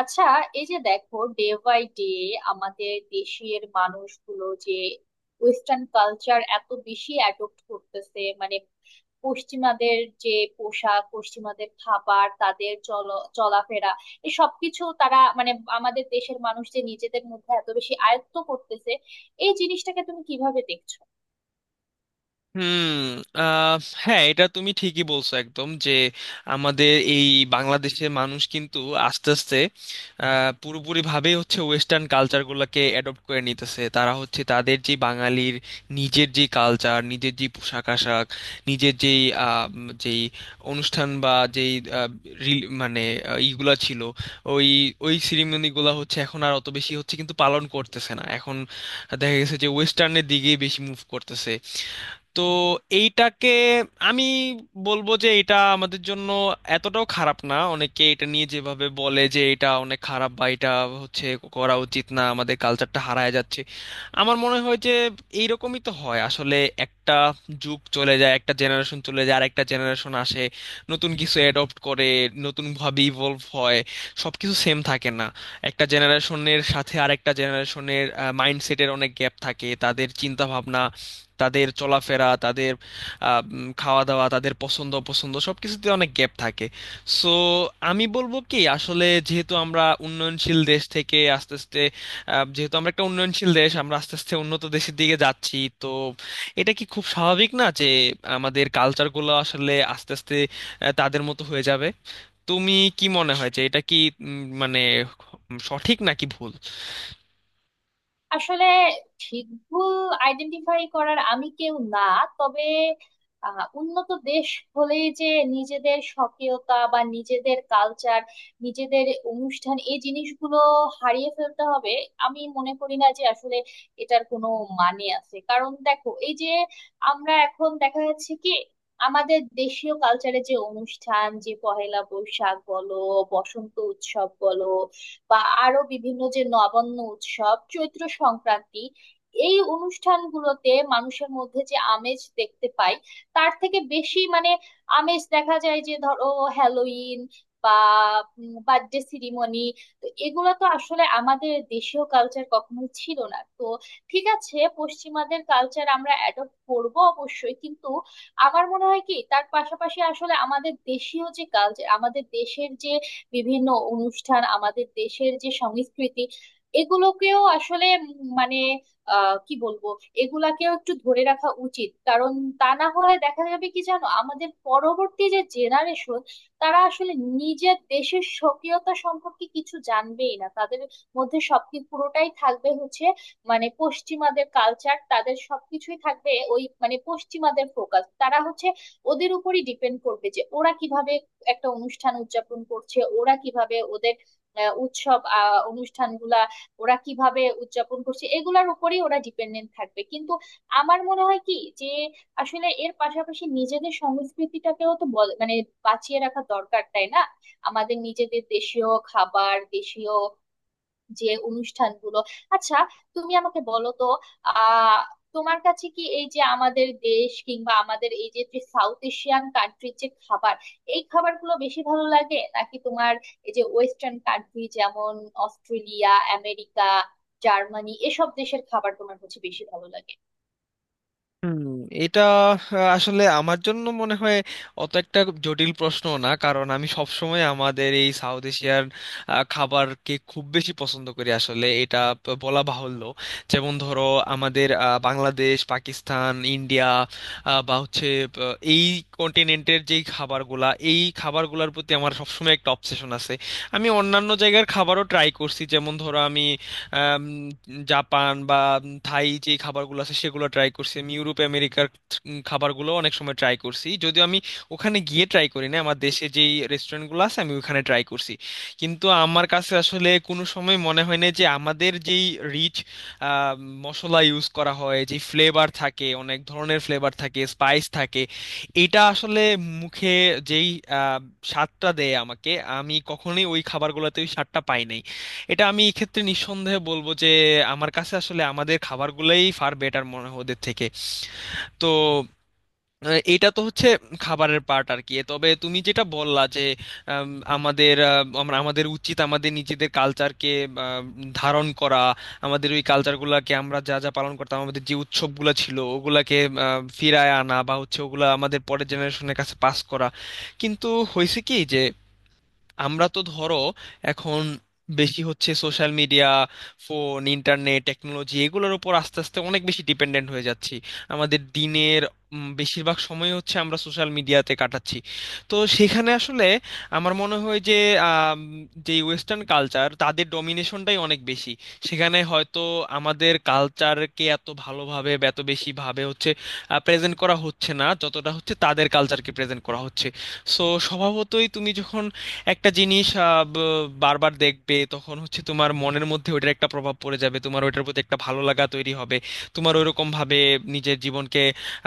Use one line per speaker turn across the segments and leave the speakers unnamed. আচ্ছা, এই যে দেখো, ডে বাই ডে আমাদের দেশের মানুষগুলো যে ওয়েস্টার্ন কালচার এত বেশি অ্যাডপ্ট করতেছে, মানে পশ্চিমাদের, যে পোশাক, পশ্চিমাদের খাবার, তাদের চলাফেরা, এই সবকিছু তারা মানে আমাদের দেশের মানুষ যে নিজেদের মধ্যে এত বেশি আয়ত্ত করতেছে, এই জিনিসটাকে তুমি কিভাবে দেখছো?
হুম। আহ, হ্যাঁ, এটা তুমি ঠিকই বলছো একদম যে আমাদের এই বাংলাদেশের মানুষ কিন্তু আস্তে আস্তে পুরোপুরি ভাবেই হচ্ছে ওয়েস্টার্ন কালচারগুলোকে অ্যাডপ্ট করে নিতেছে। তারা হচ্ছে তাদের যে বাঙালির নিজের যে কালচার, নিজের যে পোশাক আশাক, নিজের যেই অনুষ্ঠান বা আহ, মানে ইগুলা ছিল, ওই ওই সেরিমনিগুলো হচ্ছে এখন আর অত বেশি হচ্ছে কিন্তু পালন করতেছে না এখন। দেখা গেছে যে ওয়েস্টার্নের দিকেই বেশি মুভ করতেছে। তো এইটাকে আমি বলবো যে এটা আমাদের জন্য এতটাও খারাপ না। অনেকে এটা নিয়ে যেভাবে বলে যে এটা অনেক খারাপ বা এটা হচ্ছে করা উচিত না, আমাদের কালচারটা হারায় যাচ্ছে। আমার মনে হয় যে এইরকমই তো হয় আসলে। একটা যুগ চলে যায়, একটা জেনারেশন চলে যায়, আর একটা জেনারেশন আসে, নতুন কিছু অ্যাডপ্ট করে, নতুনভাবে ইভলভ হয়। সব কিছু সেম থাকে না। একটা জেনারেশনের সাথে আরেকটা জেনারেশনের মাইন্ডসেটের অনেক গ্যাপ থাকে। তাদের চিন্তা ভাবনা, তাদের চলাফেরা, তাদের খাওয়া দাওয়া, তাদের পছন্দ অপছন্দ সব কিছুতে অনেক গ্যাপ থাকে। সো আমি বলবো কি আসলে, যেহেতু আমরা উন্নয়নশীল দেশ থেকে আস্তে আস্তে যেহেতু আমরা একটা উন্নয়নশীল দেশ, আমরা আস্তে আস্তে উন্নত দেশের দিকে যাচ্ছি। তো এটা কি খুব স্বাভাবিক না যে আমাদের কালচারগুলো আসলে আস্তে আস্তে তাদের মতো হয়ে যাবে? তুমি কি মনে হয় যে এটা কি মানে সঠিক নাকি ভুল?
আসলে ঠিক ভুল আইডেন্টিফাই করার আমি কেউ না। তবে উন্নত দেশ হলেই যে নিজেদের স্বকীয়তা বা নিজেদের কালচার, নিজেদের অনুষ্ঠান, এই জিনিসগুলো হারিয়ে ফেলতে হবে আমি মনে করি না যে আসলে এটার কোনো মানে আছে। কারণ দেখো, এই যে আমরা এখন দেখা যাচ্ছে কি, আমাদের দেশীয় কালচারের যে অনুষ্ঠান, যে পহেলা বৈশাখ বলো, বসন্ত উৎসব বলো, বা আরো বিভিন্ন যে নবান্ন উৎসব, চৈত্র সংক্রান্তি, এই অনুষ্ঠানগুলোতে মানুষের মধ্যে যে আমেজ দেখতে পাই, তার থেকে বেশি মানে আমেজ দেখা যায় যে ধরো হ্যালোইন বা বার্থডে সিরিমনি। তো এগুলো তো আসলে আমাদের দেশীয় কালচার কখনোই ছিল না তো। ঠিক আছে, পশ্চিমাদের কালচার আমরা অ্যাডপ্ট করব অবশ্যই, কিন্তু আমার মনে হয় কি, তার পাশাপাশি আসলে আমাদের দেশীয় যে কালচার, আমাদের দেশের যে বিভিন্ন অনুষ্ঠান, আমাদের দেশের যে সংস্কৃতি, এগুলোকেও আসলে মানে কি বলবো, এগুলাকেও একটু ধরে রাখা উচিত। কারণ তা না হলে দেখা যাবে কি, জানো, আমাদের পরবর্তী যে জেনারেশন, তারা আসলে নিজের দেশের স্বকীয়তা সম্পর্কে কিছু জানবেই না। তাদের মধ্যে সবকিছু পুরোটাই থাকবে হচ্ছে মানে পশ্চিমাদের কালচার, তাদের সবকিছুই থাকবে ওই মানে পশ্চিমাদের ফোকাস। তারা হচ্ছে ওদের উপরই ডিপেন্ড করবে যে ওরা কিভাবে একটা অনুষ্ঠান উদযাপন করছে, ওরা কিভাবে ওদের উৎসব, অনুষ্ঠানগুলা ওরা কিভাবে উদযাপন করছে, এগুলার উপরেই ওরা ডিপেন্ডেন্ট থাকবে। কিন্তু আমার মনে হয় কি যে আসলে এর পাশাপাশি নিজেদের সংস্কৃতিটাকেও তো মানে বাঁচিয়ে রাখা দরকার, তাই না? আমাদের নিজেদের দেশীয় খাবার, দেশীয় যে অনুষ্ঠানগুলো। আচ্ছা, তুমি আমাকে বলো তো, আহ তোমার কাছে কি এই যে আমাদের দেশ কিংবা আমাদের এই যে যে সাউথ এশিয়ান কান্ট্রির যে খাবার, এই খাবারগুলো বেশি ভালো লাগে, নাকি তোমার এই যে ওয়েস্টার্ন কান্ট্রি, যেমন অস্ট্রেলিয়া, আমেরিকা, জার্মানি, এসব দেশের খাবার তোমার হচ্ছে বেশি ভালো লাগে?
হুম। এটা আহ, আসলে আমার জন্য মনে হয় অত একটা জটিল প্রশ্ন না, কারণ আমি সব সময় আমাদের এই সাউথ এশিয়ার খাবারকে খুব বেশি পছন্দ করি আসলে। এটা বলা বাহুল্য। যেমন ধরো আমাদের বাংলাদেশ, পাকিস্তান, ইন্ডিয়া, বা হচ্ছে এই কন্টিনেন্টের যেই খাবারগুলা, এই খাবারগুলোর প্রতি আমার সবসময় একটা অবসেশন আছে। আমি অন্যান্য জায়গার খাবারও ট্রাই করছি, যেমন ধরো আমি আম, জাপান বা থাই যে খাবারগুলো আছে সেগুলো ট্রাই করছি। আমি ইউরোপ আমেরিকার খাবারগুলো অনেক সময় ট্রাই করছি, যদিও আমি ওখানে গিয়ে ট্রাই করি না, আমার দেশে যেই রেস্টুরেন্টগুলো আছে আমি ওখানে ট্রাই করছি। কিন্তু আমার কাছে আসলে কোনো সময় মনে হয় না যে আমাদের যেই রিচ মশলা ইউজ করা হয়, যে ফ্লেভার থাকে, অনেক ধরনের ফ্লেভার থাকে, স্পাইস থাকে, এটা আসলে মুখে যেই আহ, স্বাদটা দেয় আমাকে, আমি কখনোই ওই খাবারগুলোতে ওই স্বাদটা পাই নাই। এটা আমি এই ক্ষেত্রে নিঃসন্দেহে বলবো যে আমার কাছে আসলে আমাদের খাবারগুলোই ফার বেটার মনে হয় ওদের থেকে। তো এটা তো হচ্ছে খাবারের পার্ট আর কি। তবে তুমি যেটা বললা যে আম, আমাদের আমরা আমাদের উচিত আমাদের নিজেদের কালচারকে ধারণ করা, আমাদের ওই কালচারগুলোকে আমরা যা যা পালন করতাম, আমাদের যে উৎসবগুলো ছিল ওগুলাকে ফিরায় আনা বা হচ্ছে ওগুলা আমাদের পরের জেনারেশনের কাছে পাস করা। কিন্তু হয়েছে কি যে আমরা তো ধরো এখন বেশি হচ্ছে social media, phone, internet, technology এগুলোর উপর আস্তে আস্তে অনেক বেশি ডিপেন্ডেন্ট হয়ে যাচ্ছি। আমাদের দিনের বেশিরভাগ সময় হচ্ছে আমরা সোশ্যাল মিডিয়াতে কাটাচ্ছি। তো সেখানে আসলে আমার মনে হয় যে আম, যে ওয়েস্টার্ন কালচার, তাদের ডমিনেশনটাই অনেক বেশি। সেখানে হয়তো আমাদের কালচারকে এত ভালোভাবে বা এত বেশি ভাবে হচ্ছে প্রেজেন্ট করা হচ্ছে না, যতটা হচ্ছে তাদের কালচারকে প্রেজেন্ট করা হচ্ছে। সো স্বভাবতই, তুমি যখন একটা জিনিস বারবার দেখবে তখন হচ্ছে তোমার মনের মধ্যে ওইটার একটা প্রভাব পড়ে যাবে, তোমার ওইটার প্রতি একটা ভালো লাগা তৈরি হবে, তোমার ওইরকম ভাবে নিজের জীবনকে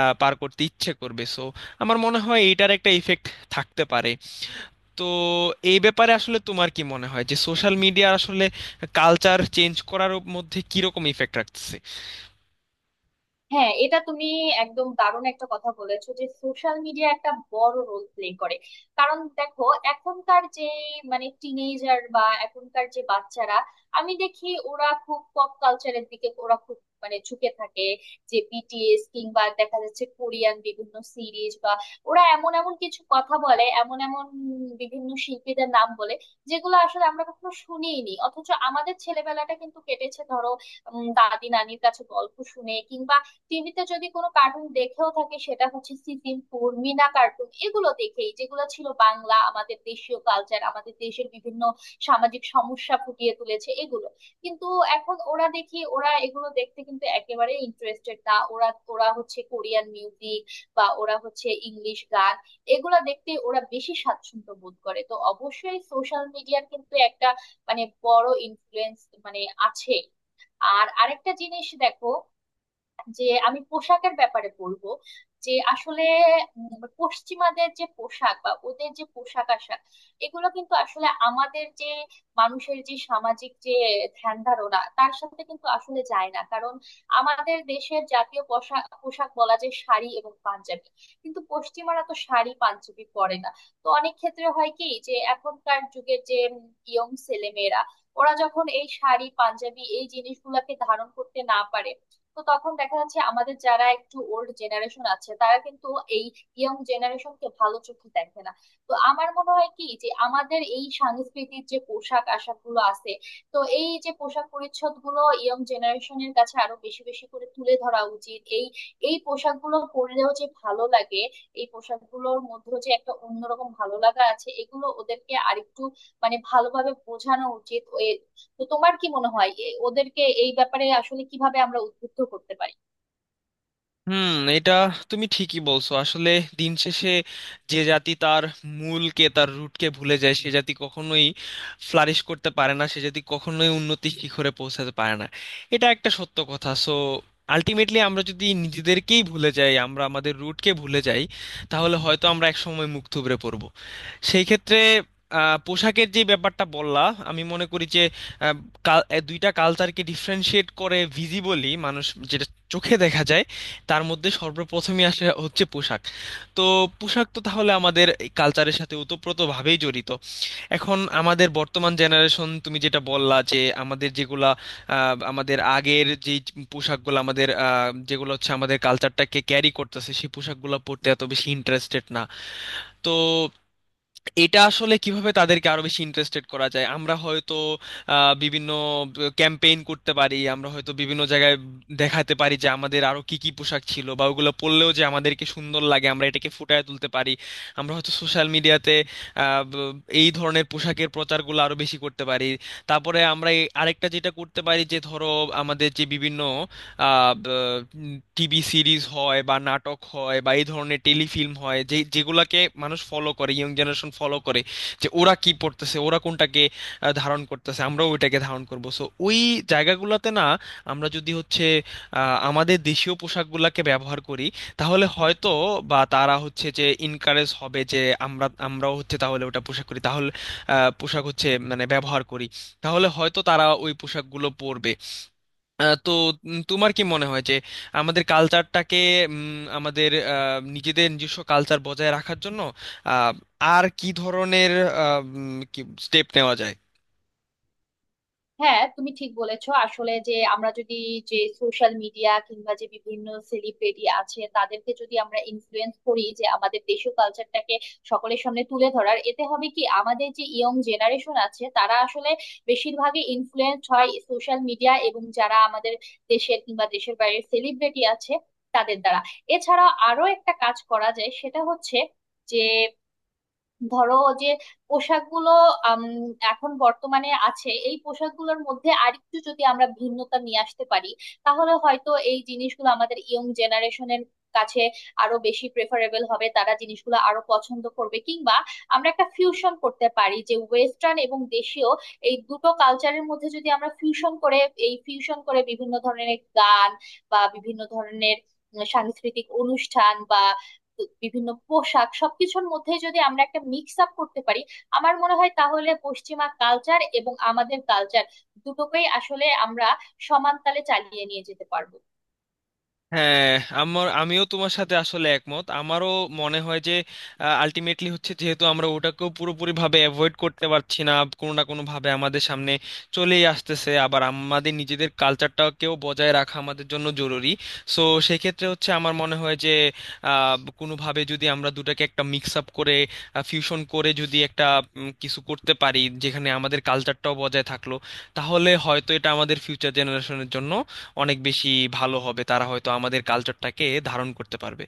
পার করতে ইচ্ছে করবে। সো আমার মনে হয় এইটার একটা ইফেক্ট থাকতে পারে। তো এই ব্যাপারে আসলে তোমার কি মনে হয় যে সোশ্যাল মিডিয়া আসলে কালচার চেঞ্জ করার মধ্যে কিরকম ইফেক্ট রাখছে?
হ্যাঁ, এটা তুমি একদম দারুণ একটা কথা বলেছো যে সোশ্যাল মিডিয়া একটা বড় রোল প্লে করে। কারণ দেখো, এখনকার যে মানে টিনেজার বা এখনকার যে বাচ্চারা, আমি দেখি ওরা খুব পপ কালচারের দিকে ওরা খুব মানে ঝুঁকে থাকে, যে বিটিএস কিংবা দেখা যাচ্ছে কোরিয়ান বিভিন্ন সিরিজ বা ওরা এমন এমন কিছু কথা বলে, এমন এমন বিভিন্ন শিল্পীদের নাম বলে, যেগুলো আসলে আমরা কখনো শুনিনি। অথচ আমাদের ছেলেবেলাটা কিন্তু কেটেছে ধরো দাদি নানির কাছে গল্প শুনে, কিংবা টিভিতে যদি কোনো কার্টুন দেখেও থাকি সেটা হচ্ছে সিসিমপুর, মিনা কার্টুন, এগুলো দেখেই, যেগুলো ছিল বাংলা আমাদের দেশীয় কালচার, আমাদের দেশের বিভিন্ন সামাজিক সমস্যা ফুটিয়ে তুলেছে এগুলো। কিন্তু এখন ওরা, দেখি ওরা এগুলো দেখতে কিন্তু একেবারে ইন্টারেস্টেড না। ওরা ওরা হচ্ছে কোরিয়ান মিউজিক বা ওরা হচ্ছে ইংলিশ গান, এগুলা দেখতে ওরা বেশি স্বাচ্ছন্দ্য বোধ করে। তো অবশ্যই সোশ্যাল মিডিয়ার কিন্তু একটা মানে বড় ইনফ্লুয়েন্স মানে আছে। আর আরেকটা জিনিস দেখো, যে আমি পোশাকের ব্যাপারে বলবো যে আসলে পশ্চিমাদের যে পোশাক বা ওদের যে পোশাক আশাক, এগুলো কিন্তু আসলে আমাদের যে মানুষের যে সামাজিক যে ধ্যান ধারণা, তার সাথে কিন্তু আসলে যায় না। কারণ আমাদের দেশের জাতীয় পোশাক, পোশাক বলা যায় শাড়ি এবং পাঞ্জাবি, কিন্তু পশ্চিমারা তো শাড়ি পাঞ্জাবি পরে না। তো অনেক ক্ষেত্রে হয় কি যে এখনকার যুগের যে ইয়ং ছেলেমেয়েরা, ওরা যখন এই শাড়ি পাঞ্জাবি এই জিনিসগুলোকে ধারণ করতে না পারে, তো তখন দেখা যাচ্ছে আমাদের যারা একটু ওল্ড জেনারেশন আছে তারা কিন্তু এই ইয়ং জেনারেশনকে ভালো চোখে দেখে না। তো আমার মনে হয় কি যে আমাদের এই সাংস্কৃতিক যে পোশাক আশাক গুলো আছে, তো এই যে পোশাক পরিচ্ছদ গুলো ইয়ং জেনারেশনের কাছে আরো বেশি বেশি করে তুলে ধরা উচিত। এই এই পোশাকগুলো পরলেও যে ভালো লাগে, এই পোশাকগুলোর মধ্যে যে একটা অন্যরকম ভালো লাগা আছে, এগুলো ওদেরকে আরেকটু মানে ভালোভাবে বোঝানো উচিত। তো তোমার কি মনে হয় ওদেরকে এই ব্যাপারে আসলে কিভাবে আমরা উদ্বুদ্ধ করতে পারি?
হুম। এটা তুমি ঠিকই বলছো আসলে। দিন শেষে যে জাতি তার মূলকে, তার রুটকে ভুলে যায়, সে জাতি কখনোই ফ্লারিশ করতে পারে না, সে জাতি কখনোই উন্নতি শিখরে পৌঁছাতে পারে না। এটা একটা সত্য কথা। সো আলটিমেটলি আমরা যদি নিজেদেরকেই ভুলে যাই, আমরা আমাদের রুটকে ভুলে যাই, তাহলে হয়তো আমরা একসময় মুখ থুবড়ে পড়বো। সেই ক্ষেত্রে পোশাকের যে ব্যাপারটা বললা, আমি মনে করি যে আহ, এ দুইটা কালচারকে ডিফারেনশিয়েট করে ভিজিবলি মানুষ, যেটা চোখে দেখা যায়, তার মধ্যে সর্বপ্রথমে আসে হচ্ছে পোশাক। তো পোশাক তো তাহলে আমাদের কালচারের সাথে ওতপ্রোতভাবেই জড়িত। এখন আমাদের বর্তমান জেনারেশন, তুমি যেটা বললা যে আমাদের যেগুলা আমাদের আগের যে পোশাকগুলো, আমাদের যেগুলো হচ্ছে আমাদের কালচারটাকে ক্যারি করতেছে, সেই পোশাকগুলো পরতে এত বেশি ইন্টারেস্টেড না। তো এটা আসলে কিভাবে তাদেরকে আরো বেশি ইন্টারেস্টেড করা যায়, আমরা হয়তো বিভিন্ন ক্যাম্পেইন করতে পারি, আমরা হয়তো বিভিন্ন জায়গায় দেখাতে পারি যে আমাদের আরো কি কি পোশাক ছিল বা ওগুলো পরলেও যে আমাদেরকে সুন্দর লাগে, আমরা এটাকে ফুটিয়ে তুলতে পারি। আমরা হয়তো সোশ্যাল মিডিয়াতে এই ধরনের পোশাকের প্রচারগুলো আরো বেশি করতে পারি। তারপরে আমরা আরেকটা যেটা করতে পারি, যে ধরো আমাদের যে বিভিন্ন টিভি সিরিজ হয় বা নাটক হয় বা এই ধরনের টেলিফিল্ম হয়, যেগুলাকে মানুষ ফলো করে, ইয়ং জেনারেশন ফলো করে, যে ওরা কি পড়তেছে, ওরা কোনটাকে ধারণ করতেছে, আমরাও ওইটাকে ধারণ করব। সো ওই জায়গাগুলোতে না আমরা যদি হচ্ছে আমাদের দেশীয় পোশাকগুলোকে ব্যবহার করি, তাহলে হয়তো বা তারা হচ্ছে যে ইনকারেজ হবে যে আমরাও হচ্ছে তাহলে ওটা পোশাক করি, তাহলে পোশাক হচ্ছে মানে ব্যবহার করি, তাহলে হয়তো তারা ওই পোশাকগুলো পরবে। তো তোমার কি মনে হয় যে আমাদের কালচারটাকে, আমাদের নিজেদের নিজস্ব কালচার বজায় রাখার জন্য আহ, আর কি ধরনের কি স্টেপ নেওয়া যায়?
হ্যাঁ, তুমি ঠিক বলেছো আসলে, যে আমরা যদি যে সোশ্যাল মিডিয়া কিংবা যে বিভিন্ন সেলিব্রিটি আছে তাদেরকে যদি আমরা ইনফ্লুয়েন্স করি যে আমাদের দেশীয় কালচারটাকে সকলের সামনে তুলে ধরার, এতে হবে কি আমাদের যে ইয়ং জেনারেশন আছে, তারা আসলে বেশিরভাগই ইনফ্লুয়েন্স হয় সোশ্যাল মিডিয়া এবং যারা আমাদের দেশের কিংবা দেশের বাইরের সেলিব্রিটি আছে তাদের দ্বারা। এছাড়া আরো একটা কাজ করা যায়, সেটা হচ্ছে যে ধরো যে পোশাকগুলো আম, এখন বর্তমানে আছে, এই পোশাকগুলোর মধ্যে আরেকটু যদি আমরা ভিন্নতা নিয়ে আসতে পারি, তাহলে হয়তো এই জিনিসগুলো আমাদের ইয়ং জেনারেশনের কাছে আরো বেশি প্রেফারেবল হবে, তারা জিনিসগুলো আরো পছন্দ করবে। কিংবা আমরা একটা ফিউশন করতে পারি যে ওয়েস্টার্ন এবং দেশীয় এই দুটো কালচারের মধ্যে যদি আমরা ফিউশন করে, বিভিন্ন ধরনের গান বা বিভিন্ন ধরনের সাংস্কৃতিক অনুষ্ঠান বা বিভিন্ন পোশাক, সবকিছুর মধ্যে যদি আমরা একটা মিক্স আপ করতে পারি, আমার মনে হয় তাহলে পশ্চিমা কালচার এবং আমাদের কালচার দুটোকেই আসলে আমরা সমান তালে চালিয়ে নিয়ে যেতে পারবো।
হ্যাঁ, আমিও তোমার সাথে আসলে একমত। আমারও মনে হয় যে আলটিমেটলি হচ্ছে, যেহেতু আমরা ওটাকেও পুরোপুরি ভাবে অ্যাভয়েড করতে পারছি না, কোনো না কোনো ভাবে আমাদের সামনে চলেই আসতেছে, আবার আমাদের নিজেদের কালচারটাকেও বজায় রাখা আমাদের জন্য জরুরি। সো সেক্ষেত্রে হচ্ছে আমার মনে হয় যে আহ, কোনোভাবে যদি আমরা দুটাকে একটা মিক্স আপ করে, ফিউশন করে, যদি একটা কিছু করতে পারি যেখানে আমাদের কালচারটাও বজায় থাকলো, তাহলে হয়তো এটা আমাদের ফিউচার জেনারেশনের জন্য অনেক বেশি ভালো হবে, তারা হয়তো আমাদের কালচারটাকে ধারণ করতে পারবে।